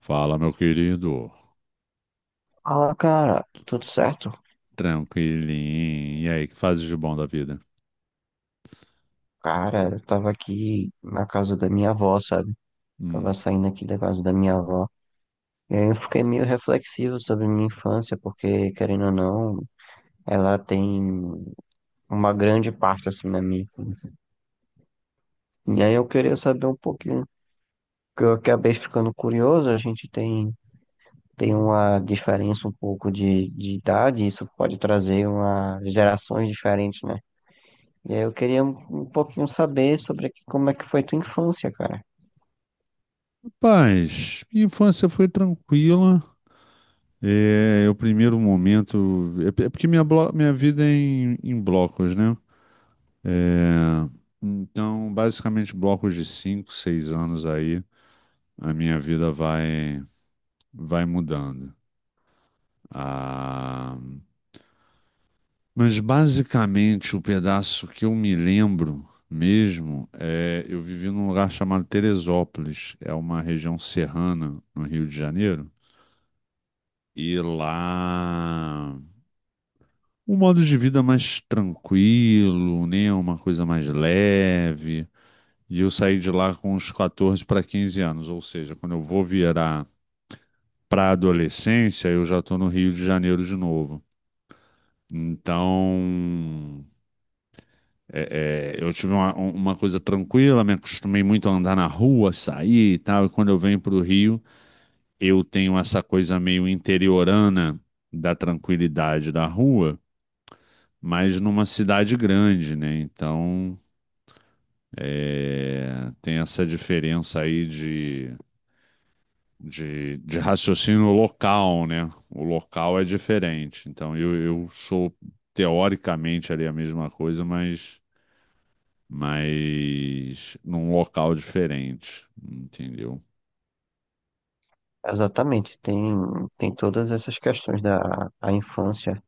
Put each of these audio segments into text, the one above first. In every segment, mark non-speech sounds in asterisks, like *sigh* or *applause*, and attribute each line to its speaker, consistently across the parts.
Speaker 1: Fala, meu querido.
Speaker 2: Fala, cara, tudo certo?
Speaker 1: Tranquilinho. E aí, que fazes de bom da vida?
Speaker 2: Cara, eu tava aqui na casa da minha avó, sabe? Tava
Speaker 1: Hum.
Speaker 2: saindo aqui da casa da minha avó. E aí eu fiquei meio reflexivo sobre minha infância, porque, querendo ou não, ela tem uma grande parte, assim, na minha infância. E aí eu queria saber um pouquinho, que eu acabei ficando curioso, a gente tem uma diferença um pouco de idade, isso pode trazer uma gerações diferentes, né? E aí eu queria um pouquinho saber sobre como é que foi tua infância, cara.
Speaker 1: Rapaz, minha infância foi tranquila. É, é o primeiro momento. É porque minha vida é em blocos, né? É, então, basicamente, blocos de 5 6 anos aí, a minha vida vai, vai mudando. Ah, Mas basicamente o pedaço que eu me lembro mesmo é eu vivi num lugar chamado Teresópolis, é uma região serrana no Rio de Janeiro, e lá um modo de vida mais tranquilo, né, uma coisa mais leve. E eu saí de lá com uns 14 para 15 anos, ou seja, quando eu vou virar para a adolescência, eu já estou no Rio de Janeiro de novo. Então, eu tive uma coisa tranquila, me acostumei muito a andar na rua, sair e tal. E quando eu venho para o Rio, eu tenho essa coisa meio interiorana da tranquilidade da rua, mas numa cidade grande, né? Então, é, tem essa diferença aí de raciocínio local, né? O local é diferente. Então, eu sou teoricamente ali a mesma coisa, mas num local diferente, entendeu?
Speaker 2: Exatamente, tem todas essas questões da a infância.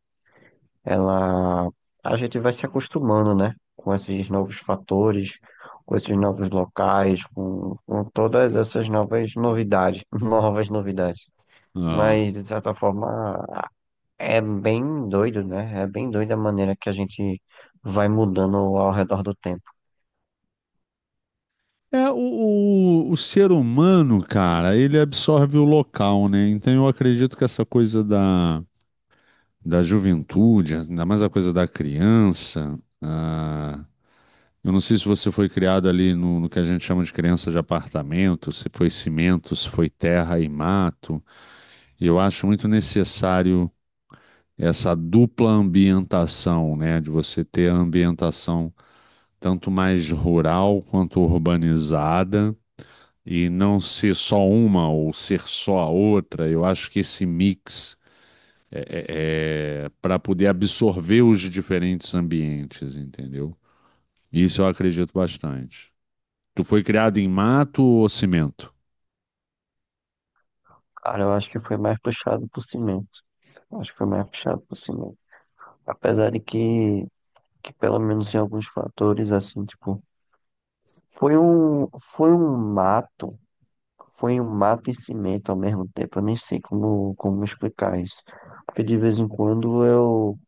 Speaker 2: Ela, a gente vai se acostumando, né? Com esses novos fatores, com esses novos locais, com todas essas novas novidades, *laughs* novas novidades.
Speaker 1: Ah.
Speaker 2: Mas, de certa forma, é bem doido, né? É bem doida a maneira que a gente vai mudando ao redor do tempo.
Speaker 1: É, o, o ser humano, cara, ele absorve o local, né? Então eu acredito que essa coisa da juventude, ainda mais a coisa da criança, eu não sei se você foi criado ali no que a gente chama de criança de apartamento, se foi cimento, se foi terra e mato. E eu acho muito necessário essa dupla ambientação, né, de você ter a ambientação tanto mais rural quanto urbanizada e não ser só uma ou ser só a outra. Eu acho que esse mix é, é para poder absorver os diferentes ambientes, entendeu? Isso eu acredito bastante. Tu foi criado em mato ou cimento?
Speaker 2: Cara, eu acho que foi mais puxado por cimento. Acho que foi mais puxado por cimento. Apesar de que. Que pelo menos em alguns fatores, assim, tipo, foi um, foi um mato, foi um mato e cimento ao mesmo tempo, eu nem sei como, como explicar isso, porque de vez em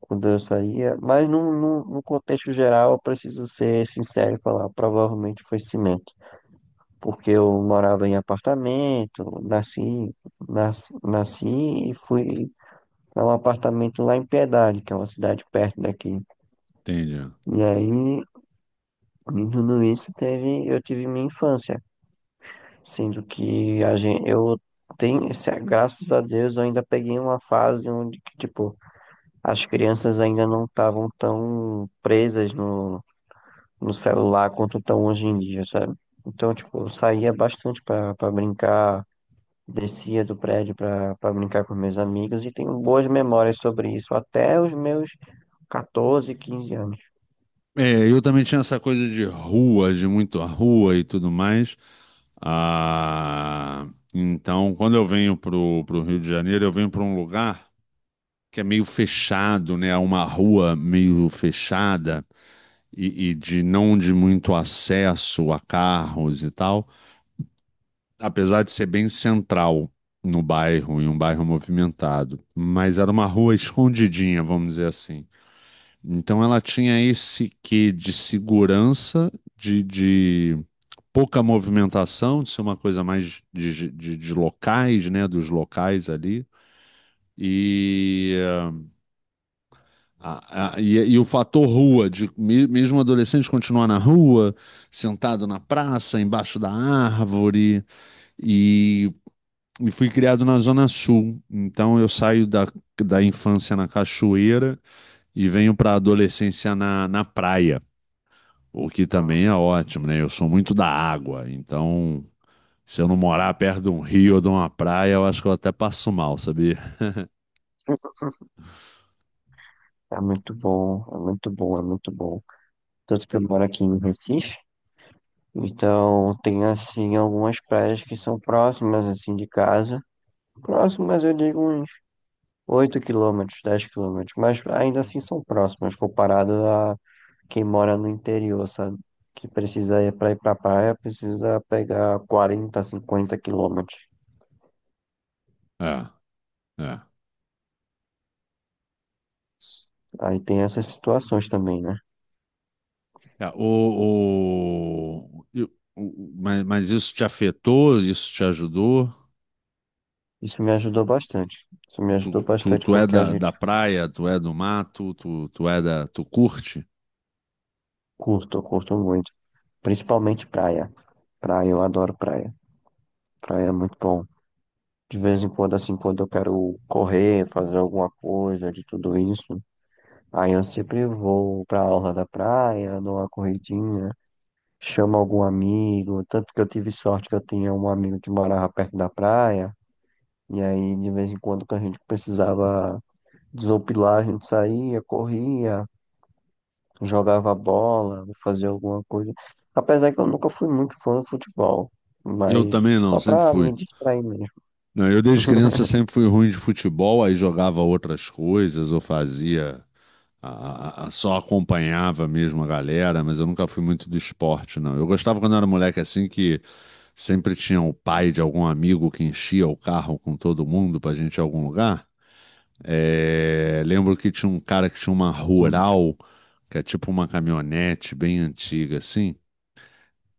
Speaker 2: quando eu saía, mas no contexto geral eu preciso ser sincero e falar, provavelmente foi cimento, porque eu morava em apartamento, nasci e fui para um apartamento lá em Piedade, que é uma cidade perto daqui,
Speaker 1: Entende?
Speaker 2: e aí e tudo isso teve, eu tive minha infância, sendo que a gente, eu tenho, graças a Deus, eu ainda peguei uma fase onde, que, tipo, as crianças ainda não estavam tão presas no celular quanto estão hoje em dia, sabe? Então, tipo, eu saía bastante pra brincar, descia do prédio pra brincar com meus amigos e tenho boas memórias sobre isso, até os meus 14, 15 anos.
Speaker 1: É, eu também tinha essa coisa de rua, de muito a rua e tudo mais. Ah, então, quando eu venho para o Rio de Janeiro, eu venho para um lugar que é meio fechado, né? É uma rua meio fechada e de não de muito acesso a carros e tal, apesar de ser bem central no bairro, em um bairro movimentado. Mas era uma rua escondidinha, vamos dizer assim. Então, ela tinha esse quê de segurança, de pouca movimentação, de ser uma coisa mais de locais, né? Dos locais ali. E, e o fator rua, de mesmo adolescente continuar na rua, sentado na praça, embaixo da árvore, e, e fui criado na Zona Sul. Então eu saio da infância na cachoeira e venho para a adolescência na praia, o que também é ótimo, né? Eu sou muito da água, então se eu não morar perto de um rio ou de uma praia, eu acho que eu até passo mal, sabia?
Speaker 2: É muito bom, é muito bom, é muito bom. Tanto que eu moro aqui em Recife. Então, tem, assim, algumas praias que são próximas, assim, de casa. Próximas, eu digo uns 8 km, 10 km. Mas ainda assim são próximas, comparado a quem mora no interior, sabe? Que precisa ir para ir pra praia, precisa pegar 40, 50 km.
Speaker 1: É, é.
Speaker 2: Aí tem essas situações também, né?
Speaker 1: É, o, e- o- Mas isso te afetou? Isso te ajudou?
Speaker 2: Isso me ajudou bastante. Isso me ajudou bastante
Speaker 1: Tu é
Speaker 2: porque a
Speaker 1: da
Speaker 2: gente
Speaker 1: praia, tu é do mato, tu é da, tu curte?
Speaker 2: curto, eu curto muito. Principalmente praia. Praia, eu adoro praia. Praia é muito bom. De vez em quando, assim, quando eu quero correr, fazer alguma coisa de tudo isso, aí eu sempre vou pra orla da praia, dou uma corridinha, chamo algum amigo. Tanto que eu tive sorte que eu tinha um amigo que morava perto da praia, e aí de vez em quando que a gente precisava desopilar, a gente saía, corria, jogava bola, fazia alguma coisa. Apesar que eu nunca fui muito fã do futebol,
Speaker 1: Eu
Speaker 2: mas
Speaker 1: também não,
Speaker 2: só
Speaker 1: sempre
Speaker 2: pra
Speaker 1: fui.
Speaker 2: me distrair mesmo.
Speaker 1: Não, eu desde criança
Speaker 2: *laughs*
Speaker 1: sempre fui ruim de futebol, aí jogava outras coisas ou fazia só acompanhava mesmo a galera, mas eu nunca fui muito do esporte, não. Eu gostava quando eu era moleque assim que sempre tinha o pai de algum amigo que enchia o carro com todo mundo pra gente ir a algum lugar. É, lembro que tinha um cara que tinha uma
Speaker 2: Assim,
Speaker 1: rural, que é tipo uma caminhonete bem antiga assim,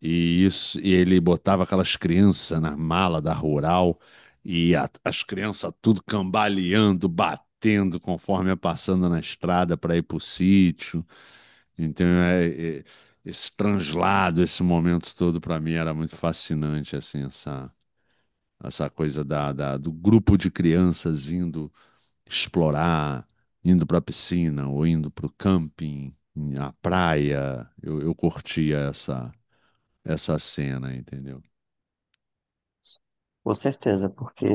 Speaker 1: e ele botava aquelas crianças na mala da rural e as crianças tudo cambaleando, batendo conforme ia passando na estrada para ir pro sítio. Então, esse translado, esse momento todo, para mim era muito fascinante, assim, essa coisa do grupo de crianças indo explorar, indo para a piscina ou indo para o camping, à praia. Eu curtia essa cena, entendeu?
Speaker 2: com certeza, porque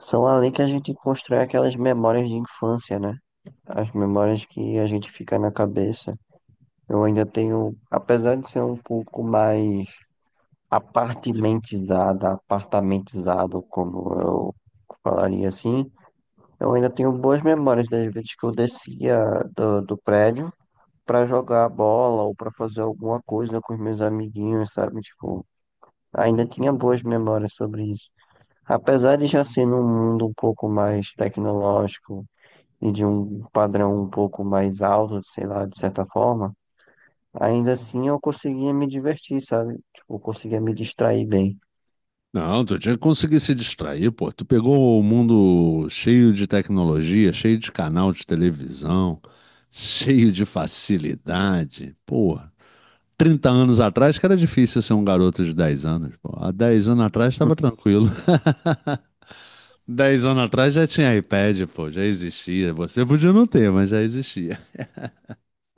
Speaker 2: são ali que a gente constrói aquelas memórias de infância, né? As memórias que a gente fica na cabeça. Eu ainda tenho, apesar de ser um pouco mais apartimentizado, apartamentizado, como eu falaria assim, eu ainda tenho boas memórias das vezes que eu descia do prédio para jogar bola ou para fazer alguma coisa com os meus amiguinhos, sabe? Tipo, ainda tinha boas memórias sobre isso. Apesar de já ser num mundo um pouco mais tecnológico e de um padrão um pouco mais alto, sei lá, de certa forma, ainda assim eu conseguia me divertir, sabe? Tipo, eu conseguia me distrair bem.
Speaker 1: Não, tu tinha que conseguir se distrair, pô. Tu pegou o mundo cheio de tecnologia, cheio de canal de televisão, *laughs* cheio de facilidade, pô. 30 anos atrás que era difícil ser um garoto de 10 anos, pô. Há 10 anos atrás estava tranquilo. *laughs* 10 anos atrás já tinha iPad, pô, já existia. Você podia não ter, mas já existia.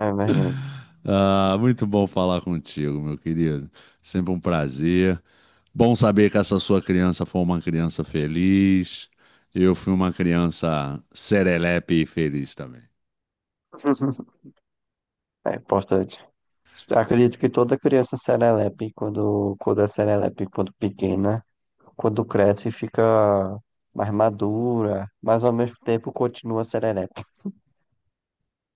Speaker 2: É verdade.
Speaker 1: Ah, muito bom falar contigo, meu querido. Sempre um prazer. Bom saber que essa sua criança foi uma criança feliz. Eu fui uma criança serelepe e feliz também.
Speaker 2: *laughs* É importante. Acredito que toda criança serelepe, quando, quando é serelepe, quando pequena, quando cresce, fica mais madura, mas ao mesmo tempo continua serelepe.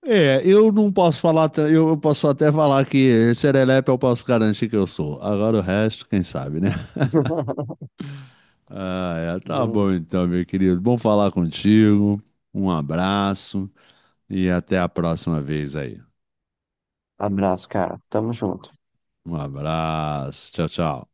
Speaker 1: É, eu não posso falar, eu posso até falar que serelepe eu posso garantir que eu sou. Agora o resto, quem sabe, né?
Speaker 2: *laughs*
Speaker 1: Ah, é, tá bom
Speaker 2: Bem,
Speaker 1: então, meu querido. Bom falar contigo. Um abraço e até a próxima vez aí.
Speaker 2: abraço, cara. Tamo junto.
Speaker 1: Um abraço. Tchau, tchau.